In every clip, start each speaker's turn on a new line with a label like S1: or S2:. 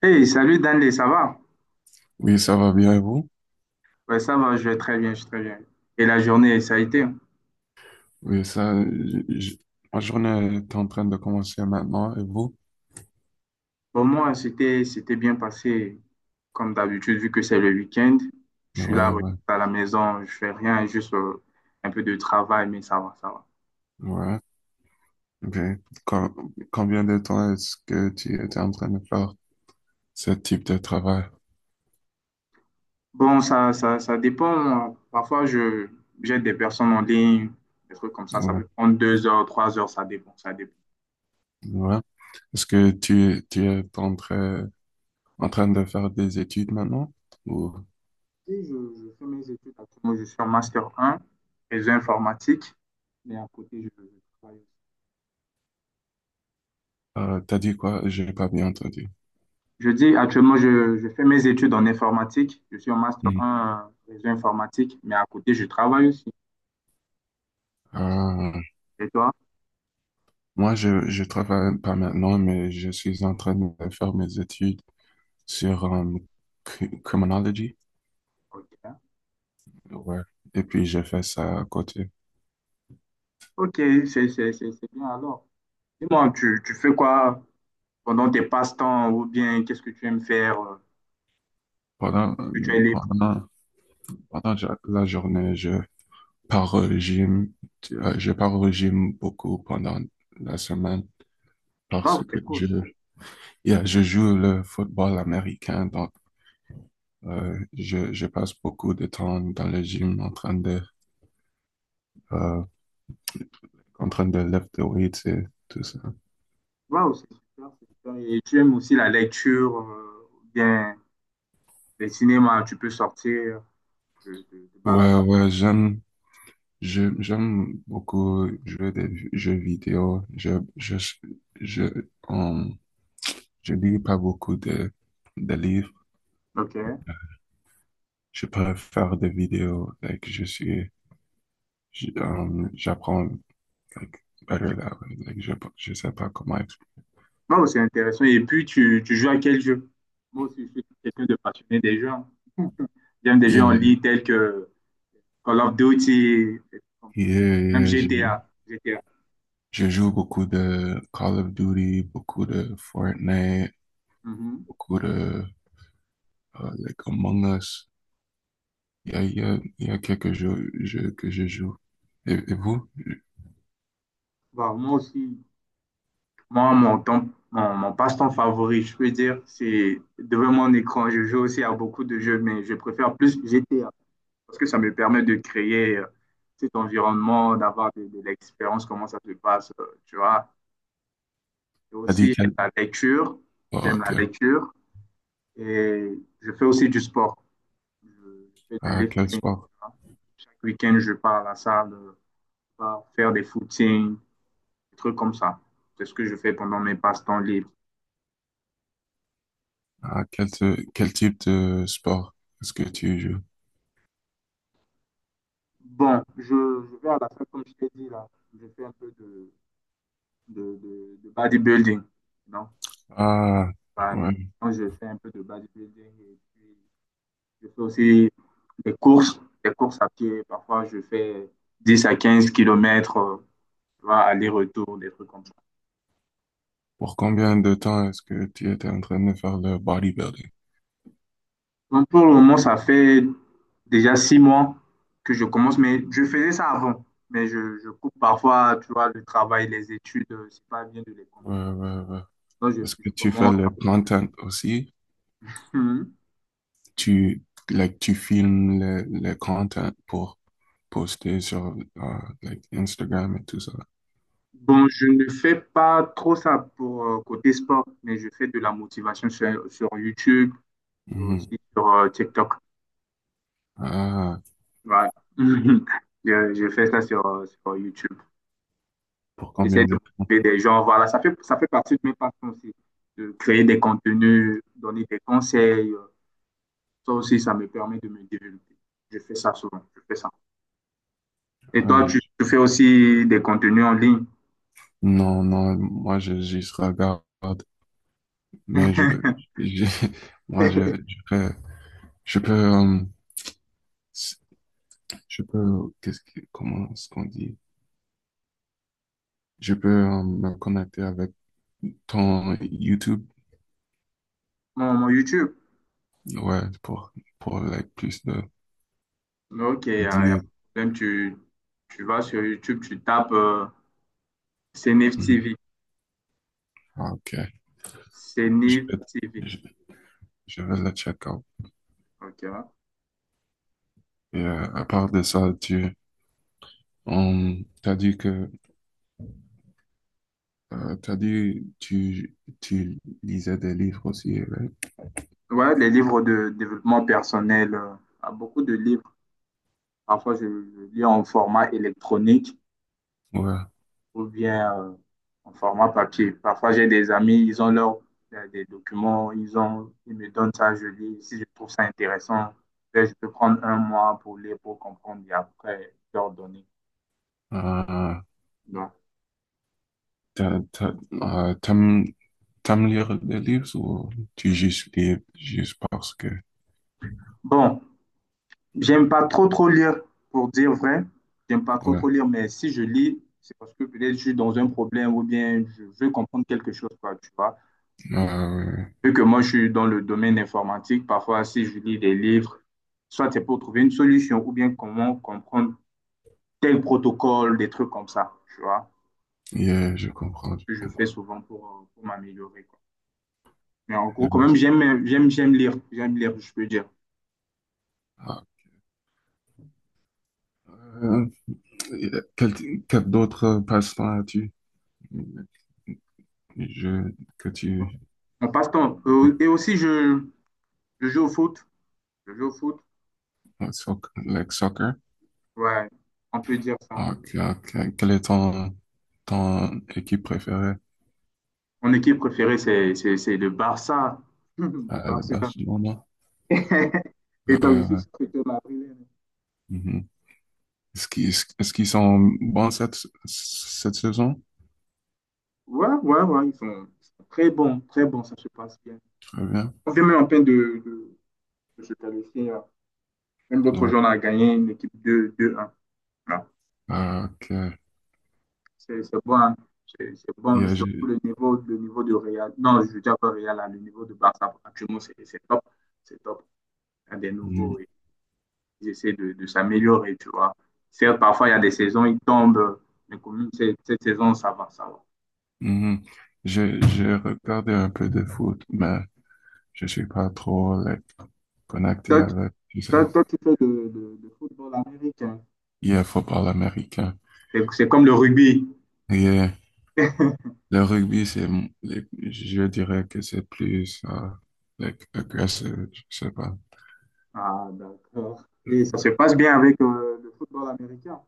S1: Hey, salut Danley, ça va?
S2: Oui, ça va bien et vous?
S1: Ouais, ça va, je vais très bien. Et la journée, ça a été?
S2: Oui, ça, ma journée est en train de commencer maintenant et vous?
S1: Pour moi, c'était bien passé, comme d'habitude, vu que c'est le week-end. Je
S2: Ouais,
S1: suis là, relax
S2: ouais,
S1: à la maison, je fais rien, juste un peu de travail, mais ça va.
S2: ouais. Ok. Combien de temps est-ce que tu étais en train de faire ce type de travail?
S1: Bon, ça dépend. Parfois, je j'aide des personnes en ligne, des trucs comme ça. Ça
S2: Ouais,
S1: peut prendre 2 heures, 3 heures, ça dépend.
S2: ouais. Est-ce que tu, en train de faire des études maintenant? Ou
S1: Et je fais mes études actuellement, je suis en Master 1 réseau informatique, mais à côté, je travaille.
S2: t'as dit quoi? J'ai pas bien entendu.
S1: Je dis actuellement, je fais mes études en informatique. Je suis en master
S2: Hmm.
S1: un réseau informatique, mais à côté, je travaille aussi.
S2: Ah,
S1: Et toi?
S2: moi, je travaille pas maintenant, mais je suis en train de faire mes études sur criminology.
S1: Ok.
S2: Ouais. Et puis j'ai fait ça à côté.
S1: Ok, c'est bien alors. Dis-moi, tu fais quoi pendant tes passe-temps ou bien qu'est-ce que tu aimes faire
S2: Pendant,
S1: quand que tu es libre?
S2: pendant, Pendant la journée, je pars au régime. Je pars au régime beaucoup pendant la semaine
S1: Waouh,
S2: parce
S1: c'est
S2: que je,
S1: cool.
S2: yeah, je joue le football américain. Donc, je passe beaucoup de temps dans le gym euh, en train de lift the weights et tout ça.
S1: Waouh, c'est super. Et tu aimes aussi la lecture ou bien les cinémas, tu peux sortir, te
S2: Ouais,
S1: balader.
S2: ouais, j'aime beaucoup jouer des jeux vidéo. Je, euh, Je lis pas beaucoup de livres.
S1: Ok.
S2: Je préfère des vidéos. Like, j'apprends like, better that way. Like, je sais pas comment expliquer.
S1: Non, c'est intéressant. Et puis, tu joues à quel jeu? Moi aussi, je suis quelqu'un de passionné des jeux, hein. J'aime des jeux en
S2: Yeah,
S1: ligne tels que Call of Duty, des trucs comme ça.
S2: yeah,
S1: Même
S2: yeah.
S1: GTA. GTA.
S2: Je joue beaucoup de Call of Duty, beaucoup de Fortnite,
S1: Mhm.
S2: beaucoup de like Among Us. Il y a quelques jeux que je joue. Et vous?
S1: Bah, moi aussi, moi, mon temps, mon passe-temps favori, je peux dire, c'est devant mon écran. Je joue aussi à beaucoup de jeux, mais je préfère plus GTA parce que ça me permet de créer cet environnement, d'avoir de l'expérience, comment ça se passe, tu vois. Et
S2: T'as
S1: aussi,
S2: dit quel,
S1: j'aime la lecture.
S2: oh,
S1: J'aime
S2: ok.
S1: la lecture. Et je fais aussi du sport. Je fais du
S2: Ah, quel
S1: lifting.
S2: sport?
S1: Chaque week-end, je pars à la salle pour faire des footings, des trucs comme ça. C'est ce que je fais pendant mes passe-temps libres.
S2: Ah, quel, quel type de sport est-ce que tu joues?
S1: Bon, je vais à la salle, comme je t'ai dit là. Je fais un peu de bodybuilding. Non?
S2: Ah,
S1: Enfin,
S2: ouais.
S1: quand je fais un peu de bodybuilding et puis je fais aussi des courses à pied. Parfois, je fais 10 à 15 kilomètres, aller-retour, des trucs comme ça.
S2: Pour combien de temps est-ce que tu étais en train de faire le bodybuilding?
S1: Donc, pour le moment, ça fait déjà 6 mois que je commence, mais je faisais ça avant. Mais je coupe parfois, tu vois, le travail, les études, c'est pas bien de les combiner.
S2: Ouais, ouais, ouais.
S1: Donc, je,
S2: Parce que
S1: je
S2: tu fais
S1: commence.
S2: le
S1: Parfois, je
S2: content
S1: fais.
S2: aussi.
S1: Mhm.
S2: Tu, like, tu filmes le content pour poster sur like Instagram et tout ça.
S1: Bon, je ne fais pas trop ça pour côté sport, mais je fais de la motivation sur YouTube et
S2: Mhm.
S1: aussi sur TikTok.
S2: Ah,
S1: Voilà. Je fais ça sur, sur YouTube.
S2: pour
S1: J'essaie
S2: combien
S1: de
S2: de temps?
S1: motiver des gens. Voilà, ça fait partie de mes passions aussi. De créer des contenus, donner des conseils. Ça aussi, ça me permet de me développer. Je fais ça souvent. Je fais ça. Et
S2: Ah,
S1: toi, tu fais aussi des contenus en ligne.
S2: non, non, moi, je juste regarde. Mais je- moi, je peux, je peux, euh, je peux, qu'est-ce que, comment est-ce qu'on dit? Je peux me connecter avec ton YouTube,
S1: Mon YouTube.
S2: ouais, pour like, plus
S1: Ok, il n'y
S2: de
S1: a, y a pas de
S2: dire.
S1: problème. Tu vas sur YouTube, tu tapes CNIF
S2: Mhm.
S1: TV.
S2: Ah, ok, je
S1: CNIF
S2: vais,
S1: TV.
S2: je, je vais le check out.
S1: Ok, hein.
S2: Et à part de ça, t'as dit que t'as dit tu lisais des livres aussi, right?
S1: Voilà, les livres de développement personnel. Euh, beaucoup de livres. Parfois, je lis en format électronique.
S2: Ouais.
S1: Ou bien en format papier. Parfois, j'ai des amis, ils ont leurs des documents, ils ont, ils me donnent ça, je lis. Si je trouve ça intéressant, ben, je peux prendre 1 mois pour lire, pour comprendre et après leur donner.
S2: Euh,
S1: Donc,
S2: t'as, t'as, euh, t'aimes, t'aimes lire des livres ou tu juste lis juste parce que
S1: bon, j'aime pas trop trop lire, pour dire vrai. J'aime pas trop
S2: ouais.
S1: trop lire, mais si je lis, c'est parce que peut-être je suis dans un problème ou bien je veux comprendre quelque chose, quoi, tu vois.
S2: Euh,
S1: Vu que moi, je suis dans le domaine informatique, parfois, si je lis des livres, soit c'est pour trouver une solution ou bien comment comprendre tel protocole, des trucs comme ça, tu vois,
S2: yeah, je
S1: que je fais souvent pour m'améliorer, quoi. Mais en gros, quand même,
S2: comprends.
S1: j'aime lire, je peux dire.
S2: Euh, quel, quel d'autres passe-temps as-tu? Les jeux que tu...
S1: On passe-temps. Et aussi, je joue au foot. Je joue au foot.
S2: le soccer.
S1: Ouais, on peut dire ça.
S2: Ah, quelle est ton équipe préférée?
S1: Mon équipe préférée, c'est le Barça. Le
S2: Le
S1: Barça.
S2: Barcelone.
S1: Et toi, je suis
S2: Euh,
S1: sûr que tu es madrilène.
S2: mhm. Est-ce qu'ils sont bons cette saison?
S1: Ouais, ils sont très bons, ça se passe bien.
S2: Très bien.
S1: On vient même en peine de se qualifier là. Même l'autre
S2: Ouais.
S1: jour, on a gagné une équipe 2-1. Voilà.
S2: Ah, ok.
S1: C'est bon, hein. C'est bon,
S2: Yeah,
S1: surtout
S2: j'ai
S1: le niveau de Real. Non, je veux dire pas Real, hein, le niveau de Barça, actuellement, c'est top, c'est top. Il y a des nouveaux,
S2: mhm,
S1: et ils essaient de s'améliorer, tu vois. Certes, parfois, il y a des saisons, ils tombent, mais quand même, cette saison, ça va.
S2: mhm. J'ai regardé un peu de foot, mais je suis pas trop like, connecté
S1: Toi, tu-
S2: avec tout ça.
S1: toi, tu fais de football américain.
S2: Il y football américain.
S1: C'est comme le rugby.
S2: Et le rugby, je dirais que c'est plus like, agressif, je sais pas.
S1: Ah, d'accord. Et ça se passe bien avec le football américain.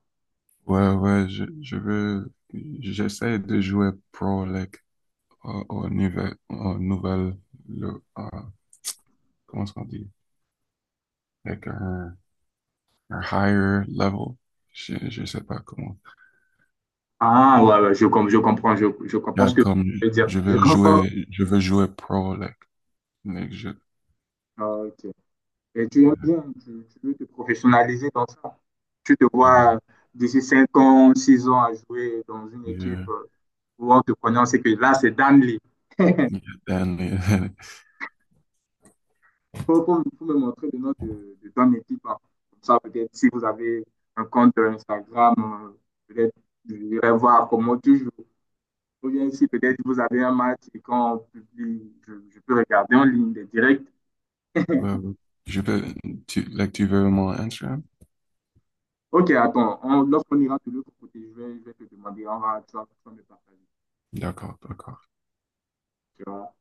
S2: Ouais, ouais, je veux, j'essaie de jouer pro, like, au niveau, au nouvel, le, comment est-ce qu'on dit? Like, un higher level. Je sais pas comment.
S1: Ah, ouais, ouais, je comprends, je comprends
S2: Là,
S1: ce que tu
S2: comme,
S1: veux dire. Je comprends.
S2: je veux jouer pro, like, like je,
S1: Ah, ok. Et tu aimes bien, tu veux te professionnaliser dans ça. Tu te
S2: euh,
S1: vois d'ici 5 ans, 6 ans à jouer dans une équipe
S2: yeah,
S1: où on te connaît, c'est que là, c'est Danley.
S2: yeah, and-
S1: Pour me montrer le nom de ton équipe, hein. Comme ça, peut-être si vous avez un compte Instagram, peut-être je vais voir comment tu joues. Ou bien si peut-être vous avez un match et quand on publie, je peux regarder en ligne des directs.
S2: Ouais, ouais. Je peux, tu, like, tu veux mon Instagram?
S1: Ok, attends, on, lorsqu'on ira de l'autre côté, je vais te demander, on va, tu vas me partager.
S2: D'accord, d'accord.
S1: Tu vois.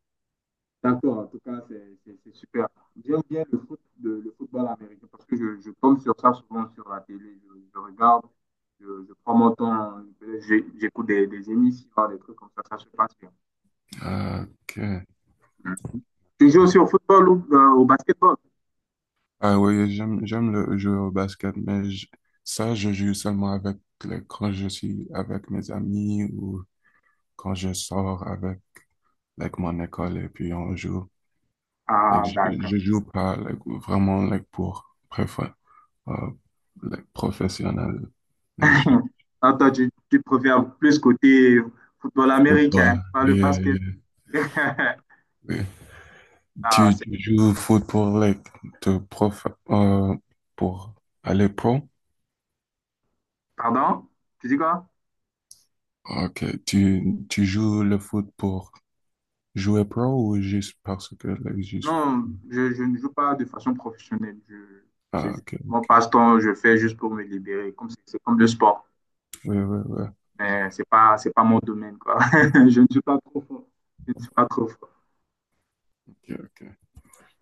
S1: D'accord, en tout cas, c'est super. J'aime bien le foot, le football américain parce que je tombe sur ça souvent sur la télé. Je regarde, je prends mon temps, j'écoute des émissions, des trucs comme ça se passe bien.
S2: Ok.
S1: Mm. Tu joues
S2: Ok.
S1: aussi au football ou au basketball?
S2: Ah oui, j'aime le jeu au basket, mais ça, je joue seulement avec, quand je suis avec mes amis ou quand je sors avec, like, mon école et puis on joue. Like,
S1: Ah, d'accord.
S2: je joue pas, like, vraiment, like, pour, préfère, euh, like, professionnel. Like, je joue
S1: Attends tu, tu préfères plus côté football
S2: au football.
S1: américain, pas le
S2: Yeah,
S1: basket.
S2: yeah, yeah.
S1: Ah,
S2: Tu,
S1: c'est-
S2: tu joues au foot pour les te prof pour aller pro?
S1: pardon? Tu dis quoi?
S2: Ok. Tu joues le foot pour jouer pro ou juste parce que le- juste
S1: Non, je ne joue pas de façon professionnelle. Je, c'est
S2: ah,
S1: juste
S2: ok.
S1: mon passe-temps, je fais juste pour me libérer. Comme c'est comme le sport.
S2: Ouais, ouais, ouais.
S1: Mais c'est pas mon domaine, quoi. Je ne suis pas trop fort. Je ne suis pas trop fort.
S2: Ok, ok.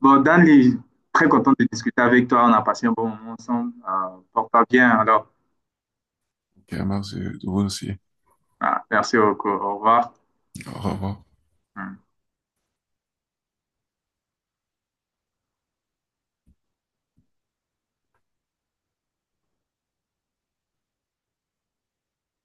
S1: Bon, Danny, très content de discuter avec toi. On a passé un bon moment ensemble. Porte-toi bien, alors.
S2: Ok, merci. Vous aussi.
S1: Ah, merci beaucoup. Au revoir.
S2: Au revoir.
S1: Hum.